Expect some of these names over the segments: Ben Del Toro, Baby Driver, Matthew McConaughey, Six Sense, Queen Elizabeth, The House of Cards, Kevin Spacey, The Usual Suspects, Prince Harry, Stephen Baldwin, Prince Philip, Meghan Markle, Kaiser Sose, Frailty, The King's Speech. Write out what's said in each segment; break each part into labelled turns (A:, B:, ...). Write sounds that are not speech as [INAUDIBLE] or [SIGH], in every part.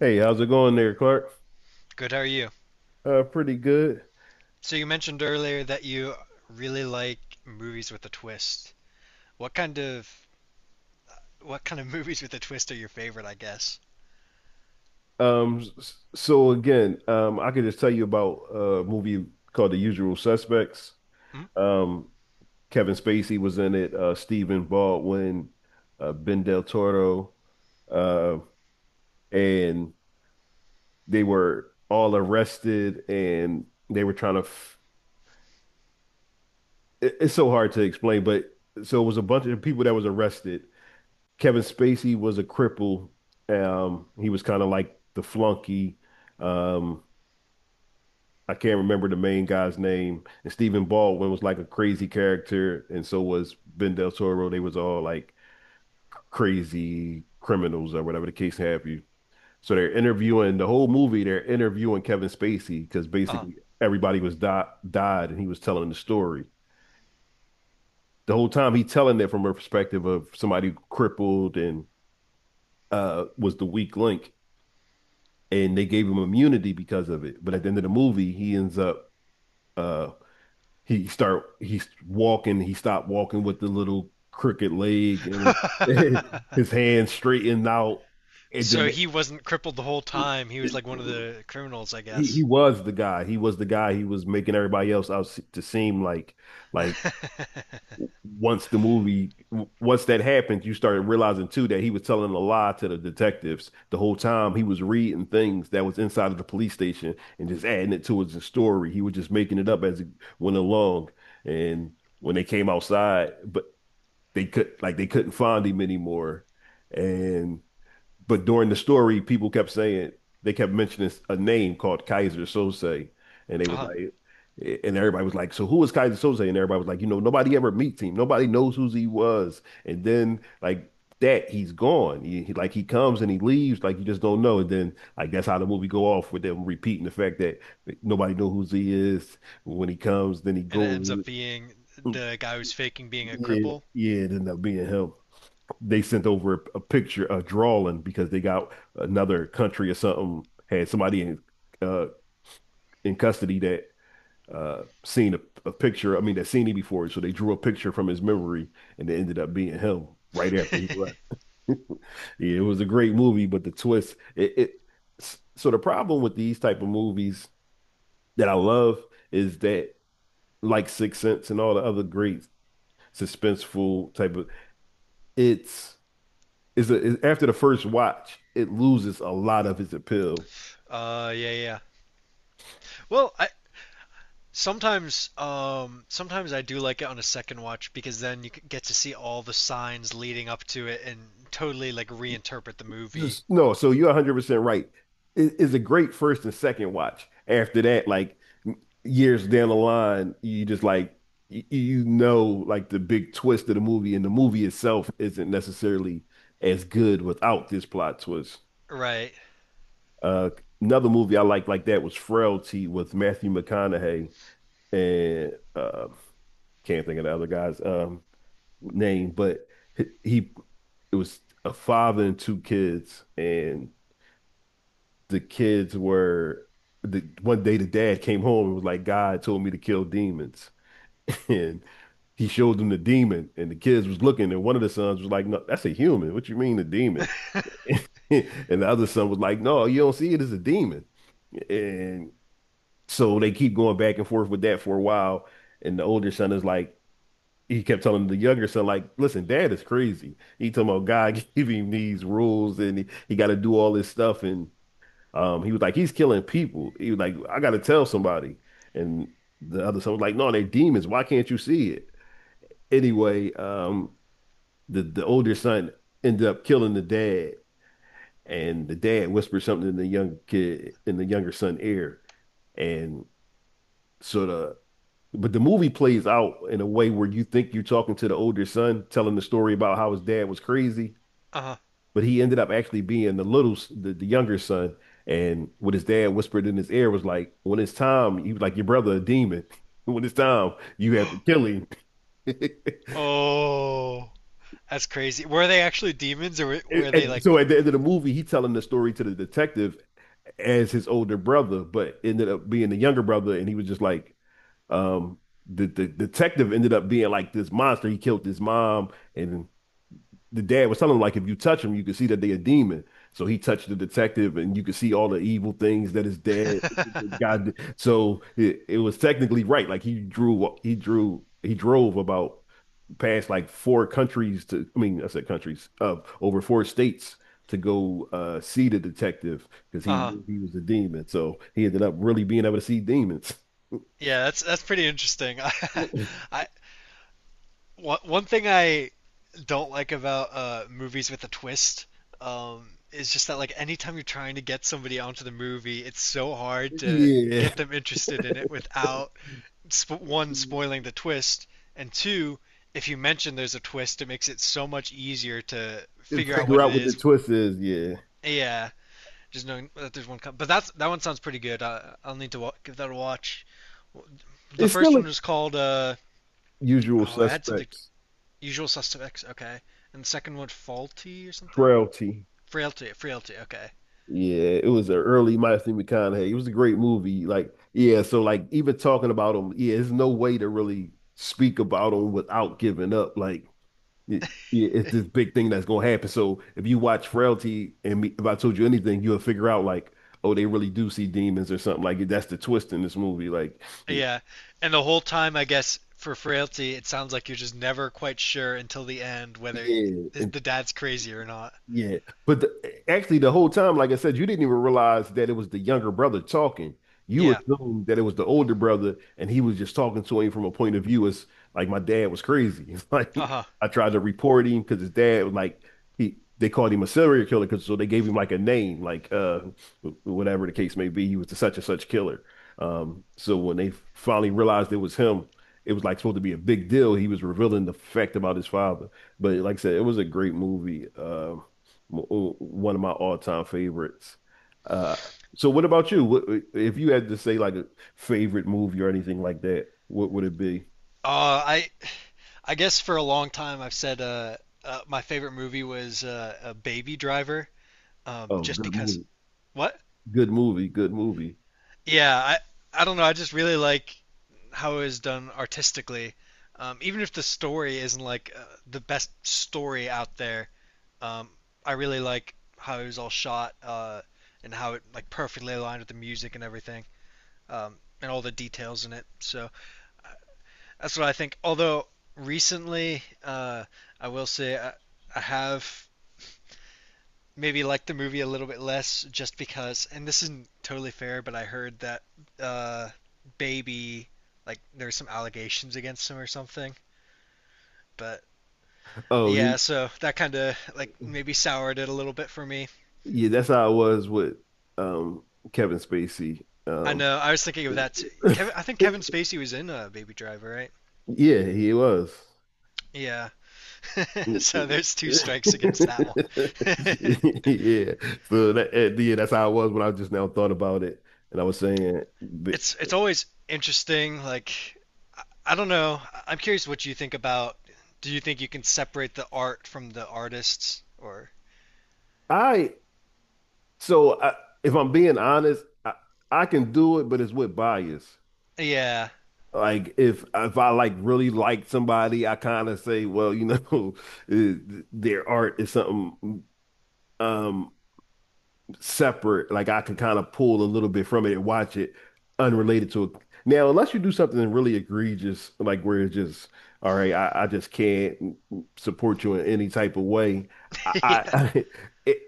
A: Hey, how's it going there, Clark?
B: Good, how are you?
A: Pretty good.
B: So you mentioned earlier that you really like movies with a twist. What kind of what kind of [LAUGHS] movies with a twist are your favorite, I guess?
A: I could just tell you about a movie called The Usual Suspects.
B: Hmm?
A: Um, Kevin Spacey was in it, Stephen Baldwin, Ben Del Toro, uh, and they were all arrested, and they were trying to. F It's so hard to explain, but so it was a bunch of people that was arrested. Kevin Spacey was a cripple. He was kind of like the flunky. Um, I can't remember the main guy's name. And Stephen Baldwin was like a crazy character, and so was Ben Del Toro. They was all like crazy criminals or whatever the case have you. So they're interviewing the whole movie. They're interviewing Kevin Spacey because basically everybody was died, and he was telling the story the whole time. He telling it from a perspective of somebody crippled and was the weak link. And they gave him immunity because of it. But at the end of the movie, he ends up uh he's walking, he stopped walking with the little crooked leg and
B: Uh-huh.
A: [LAUGHS] his
B: [LAUGHS]
A: hand straightened out. And then
B: So
A: it,
B: he wasn't crippled the whole time. He was
A: it,
B: like one of the criminals, I
A: he
B: guess.
A: was the guy. He was the guy. He was making everybody else out to seem like like
B: [LAUGHS]
A: once the movie, once that happened, you started realizing too that he was telling a lie to the detectives the whole time. He was reading things that was inside of the police station and just adding it to his story. He was just making it up as it went along. And when they came outside, but they could, like they couldn't find him anymore. And but during the story, people kept saying, they kept mentioning a name called Kaiser Sose, and they was
B: Uh-huh.
A: like, and everybody was like, so who is Kaiser Sose? And everybody was like, you know, nobody ever meets him. Nobody knows who he was. And then like that, he's gone. Like he comes and he leaves. Like you just don't know. And then like that's how the movie go off with them repeating the fact that nobody know who he is. When he comes, then he
B: And it ends
A: goes.
B: up being the guy who's faking being a
A: Yeah,
B: cripple.
A: yeah. It ended up being him. They sent over a picture, a drawing, because they got another country or something had somebody uh, in custody that seen a picture. I mean, that seen him before, so they drew a picture from his memory, and it ended up being him right after he left.
B: [LAUGHS]
A: [LAUGHS] Yeah, it was a great movie, but the twist. It so the problem with these type of movies that I love is that, like Six Sense and all the other great suspenseful type of, it's is after the first watch, it loses a lot of its appeal.
B: Yeah, yeah. Well, sometimes I do like it on a second watch because then you get to see all the signs leading up to it and totally like reinterpret the movie.
A: Just no, so you're 100% right. It's a great first and second watch. After that, like years down the line, you just like you know like the big twist of the movie, and the movie itself isn't necessarily as good without this plot twist.
B: Right.
A: Uh, Another movie I liked like that was Frailty with Matthew McConaughey and can't think of the other guys. Name, but he, it was a father and two kids, and the kids were, the one day the dad came home and was like, God told me to kill demons. [LAUGHS] And he showed them the demon, and the kids was looking, and one of the sons was like, no, that's a human. What you mean a demon? [LAUGHS]
B: [LAUGHS]
A: And the other son was like, no, you don't see it as a demon. And so they keep going back and forth with that for a while. And the older son is like, he kept telling the younger son, like, listen, dad is crazy. He talking about God [LAUGHS] giving him these rules and he got to do all this stuff. And he was like, he's killing people. He was like, I got to tell somebody. And the other son was like, no, they're demons. Why can't you see it? Anyway, the older son ended up killing the dad. And the dad whispered something in the young kid, in the younger son ear. And sort of, but the movie plays out in a way where you think you're talking to the older son, telling the story about how his dad was crazy,
B: Uh,
A: but he ended up actually being the little, the younger son. And what his dad whispered in his ear was like, when it's time, he was like, your brother a demon. [LAUGHS] When it's time, you have to
B: [GASPS]
A: kill him. [LAUGHS]
B: oh, that's crazy. Were they actually demons or were, were they
A: And
B: like?
A: so at the end of the movie, he telling the story to the detective as his older brother, but ended up being the younger brother. And he was just like, um, the detective ended up being like this monster. He killed his mom and the dad was telling him like if you touch him, you can see that they're a demon. So he touched the detective, and you could see all the evil things that his dad the guy did. So it was technically right. Like he drove about past like four countries to. I mean, I said countries of over four states to go see the detective because
B: [LAUGHS]
A: he
B: Uh,
A: knew he was a demon. So he ended up really being able to see demons.
B: yeah, that's pretty interesting.
A: [LAUGHS]
B: [LAUGHS] I One thing I don't like about movies with a twist is just that like anytime you're trying to get somebody onto the movie, it's so hard to get
A: Yeah,
B: them interested in it without one spoiling the twist, and two, if you mention there's a twist, it makes it so much easier to
A: and
B: figure out
A: figure
B: what it
A: out what the
B: is.
A: twist is. Yeah,
B: Yeah, just knowing that there's one. But that's that one sounds pretty good. I'll need to give that a watch. The
A: it's
B: first
A: still a
B: one was called
A: usual
B: oh, it had something.
A: suspects.
B: Usual Suspects, okay. And the second one, faulty or something?
A: Frailty.
B: Frailty. Frailty, okay.
A: Yeah, it was an early Matthew McConaughey. It was a great movie. Like, yeah, so like even talking about him, yeah, there's no way to really speak about him without giving up. Like, it, yeah, it's this big thing that's gonna happen. So if you watch Frailty and me, if I told you anything, you'll figure out like, oh, they really do see demons or something. Like that's the twist in this movie. Like, yeah,
B: Yeah. And the whole time, I guess, for frailty, it sounds like you're just never quite sure until the end whether
A: yeah. And
B: the dad's crazy or not.
A: yeah, but actually, the whole time, like I said, you didn't even realize that it was the younger brother talking. You
B: Yeah.
A: assumed that it was the older brother, and he was just talking to him from a point of view as like my dad was crazy. [LAUGHS] It's like
B: Uh huh.
A: I tried to report him because his dad was like, he they called him a serial killer because so they gave him like a name, like whatever the case may be, he was the such and such killer. So when they finally realized it was him, it was like supposed to be a big deal. He was revealing the fact about his father. But like I said, it was a great movie. One of my all-time favorites. Uh, so what about you? What, if you had to say like a favorite movie or anything like that, what would it be?
B: Uh, I, I guess for a long time I've said my favorite movie was a Baby Driver,
A: Oh,
B: just
A: good
B: because.
A: movie.
B: What?
A: Good movie, good movie.
B: Yeah. I don't know. I just really like how it was done artistically. Even if the story isn't like the best story out there, um, I really like how it was all shot and how it like perfectly aligned with the music and everything um, and all the details in it. So uh, that's what I think. Although recently, I will say I have maybe liked the movie a little bit less just because, and this isn't totally fair, but I heard that uh, Baby like there's some allegations against him or something. But
A: Oh,
B: yeah,
A: y-
B: so that kind of like maybe soured it a little bit for me.
A: yeah, that's how I was with um Kevin Spacey.
B: I know. I was thinking of that, too.
A: [LAUGHS]
B: Kevin, I think Kevin Spacey was in Baby Driver, right?
A: Yeah, he was.
B: Yeah. [LAUGHS] So
A: [LAUGHS]
B: there's two strikes against that one. [LAUGHS]
A: Yeah. So that, yeah, that's how I was when I just now thought about it. And I was saying, but
B: It's always interesting. Like I don't know. I am curious what you think about. Do you think you can separate the art from the artists? Or
A: I So I, if I'm being honest, I can do it, but it's with bias.
B: yeah.
A: Like if I like really like somebody, I kind of say, well, you know, [LAUGHS] eh, their art is something um separate. Like I can kind of pull a little bit from it and watch it unrelated to it. Now, unless you do something really egregious, like where it's just, all right, I just can't support you in any type of way.
B: [LAUGHS] Yeah,
A: I [LAUGHS] it,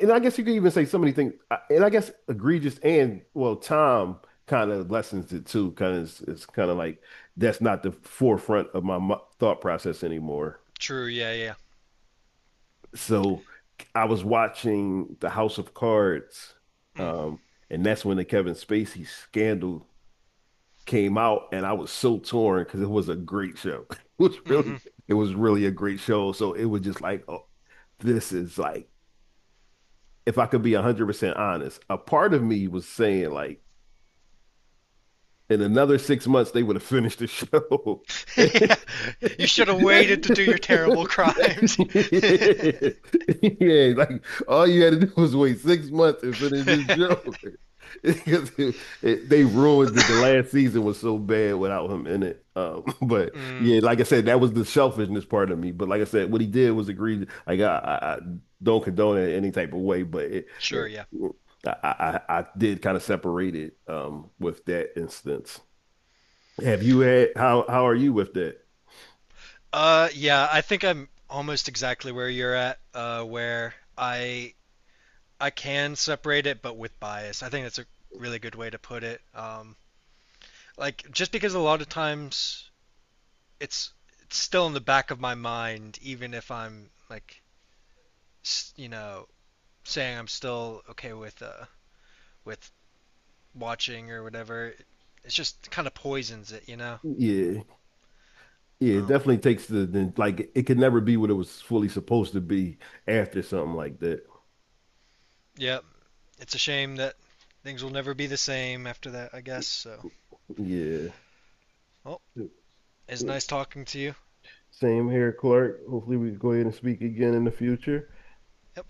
A: and I guess you could even say so many things, and I guess egregious and well, time kind of lessens it too. Kind of, it's kind of like that's not the forefront of my thought process anymore.
B: true. Yeah, yeah.
A: So I was watching The House of Cards,
B: Mm,
A: um, and that's when the Kevin Spacey scandal came out, and I was so torn because it was a great show. [LAUGHS] It was
B: hmm.
A: really, it was really a great show. So it was just like, oh, this is like, if I could be 100% honest, a part of me was saying like, in another 6 months, they would have finished the show.
B: [LAUGHS]
A: [LAUGHS] Yeah,
B: Yeah, you should have waited to do your terrible crimes. [LAUGHS]
A: like all you had to do was wait 6 months and finish the show [LAUGHS] because they ruined it. The last season was so bad without him in it. [LAUGHS] But
B: Mm,
A: yeah, like I said, that was the selfishness part of me. But like I said, what he did was egregious. Like I don't condone it in any type of way, but it,
B: sure,
A: it
B: yeah.
A: I did kind of separate it with that instance. Have you had how are you with that?
B: Yeah, I think I'm almost exactly where you're at. Where I can separate it, but with bias. I think that's a really good way to put it. Like just because a lot of times it's it's still in the back of my mind, even if I'm like, you know, saying I'm still okay with with watching or whatever. It's just kind of poisons it.
A: Yeah, yeah, it
B: Well,
A: definitely takes the like it could never be what it was fully supposed to be after something like that.
B: yeah, it's a shame that things will never be the same after that, I guess. So,
A: Yeah.
B: well, it's nice talking to you.
A: Same here, Clark. Hopefully we can go ahead and speak again in the future.
B: Yep.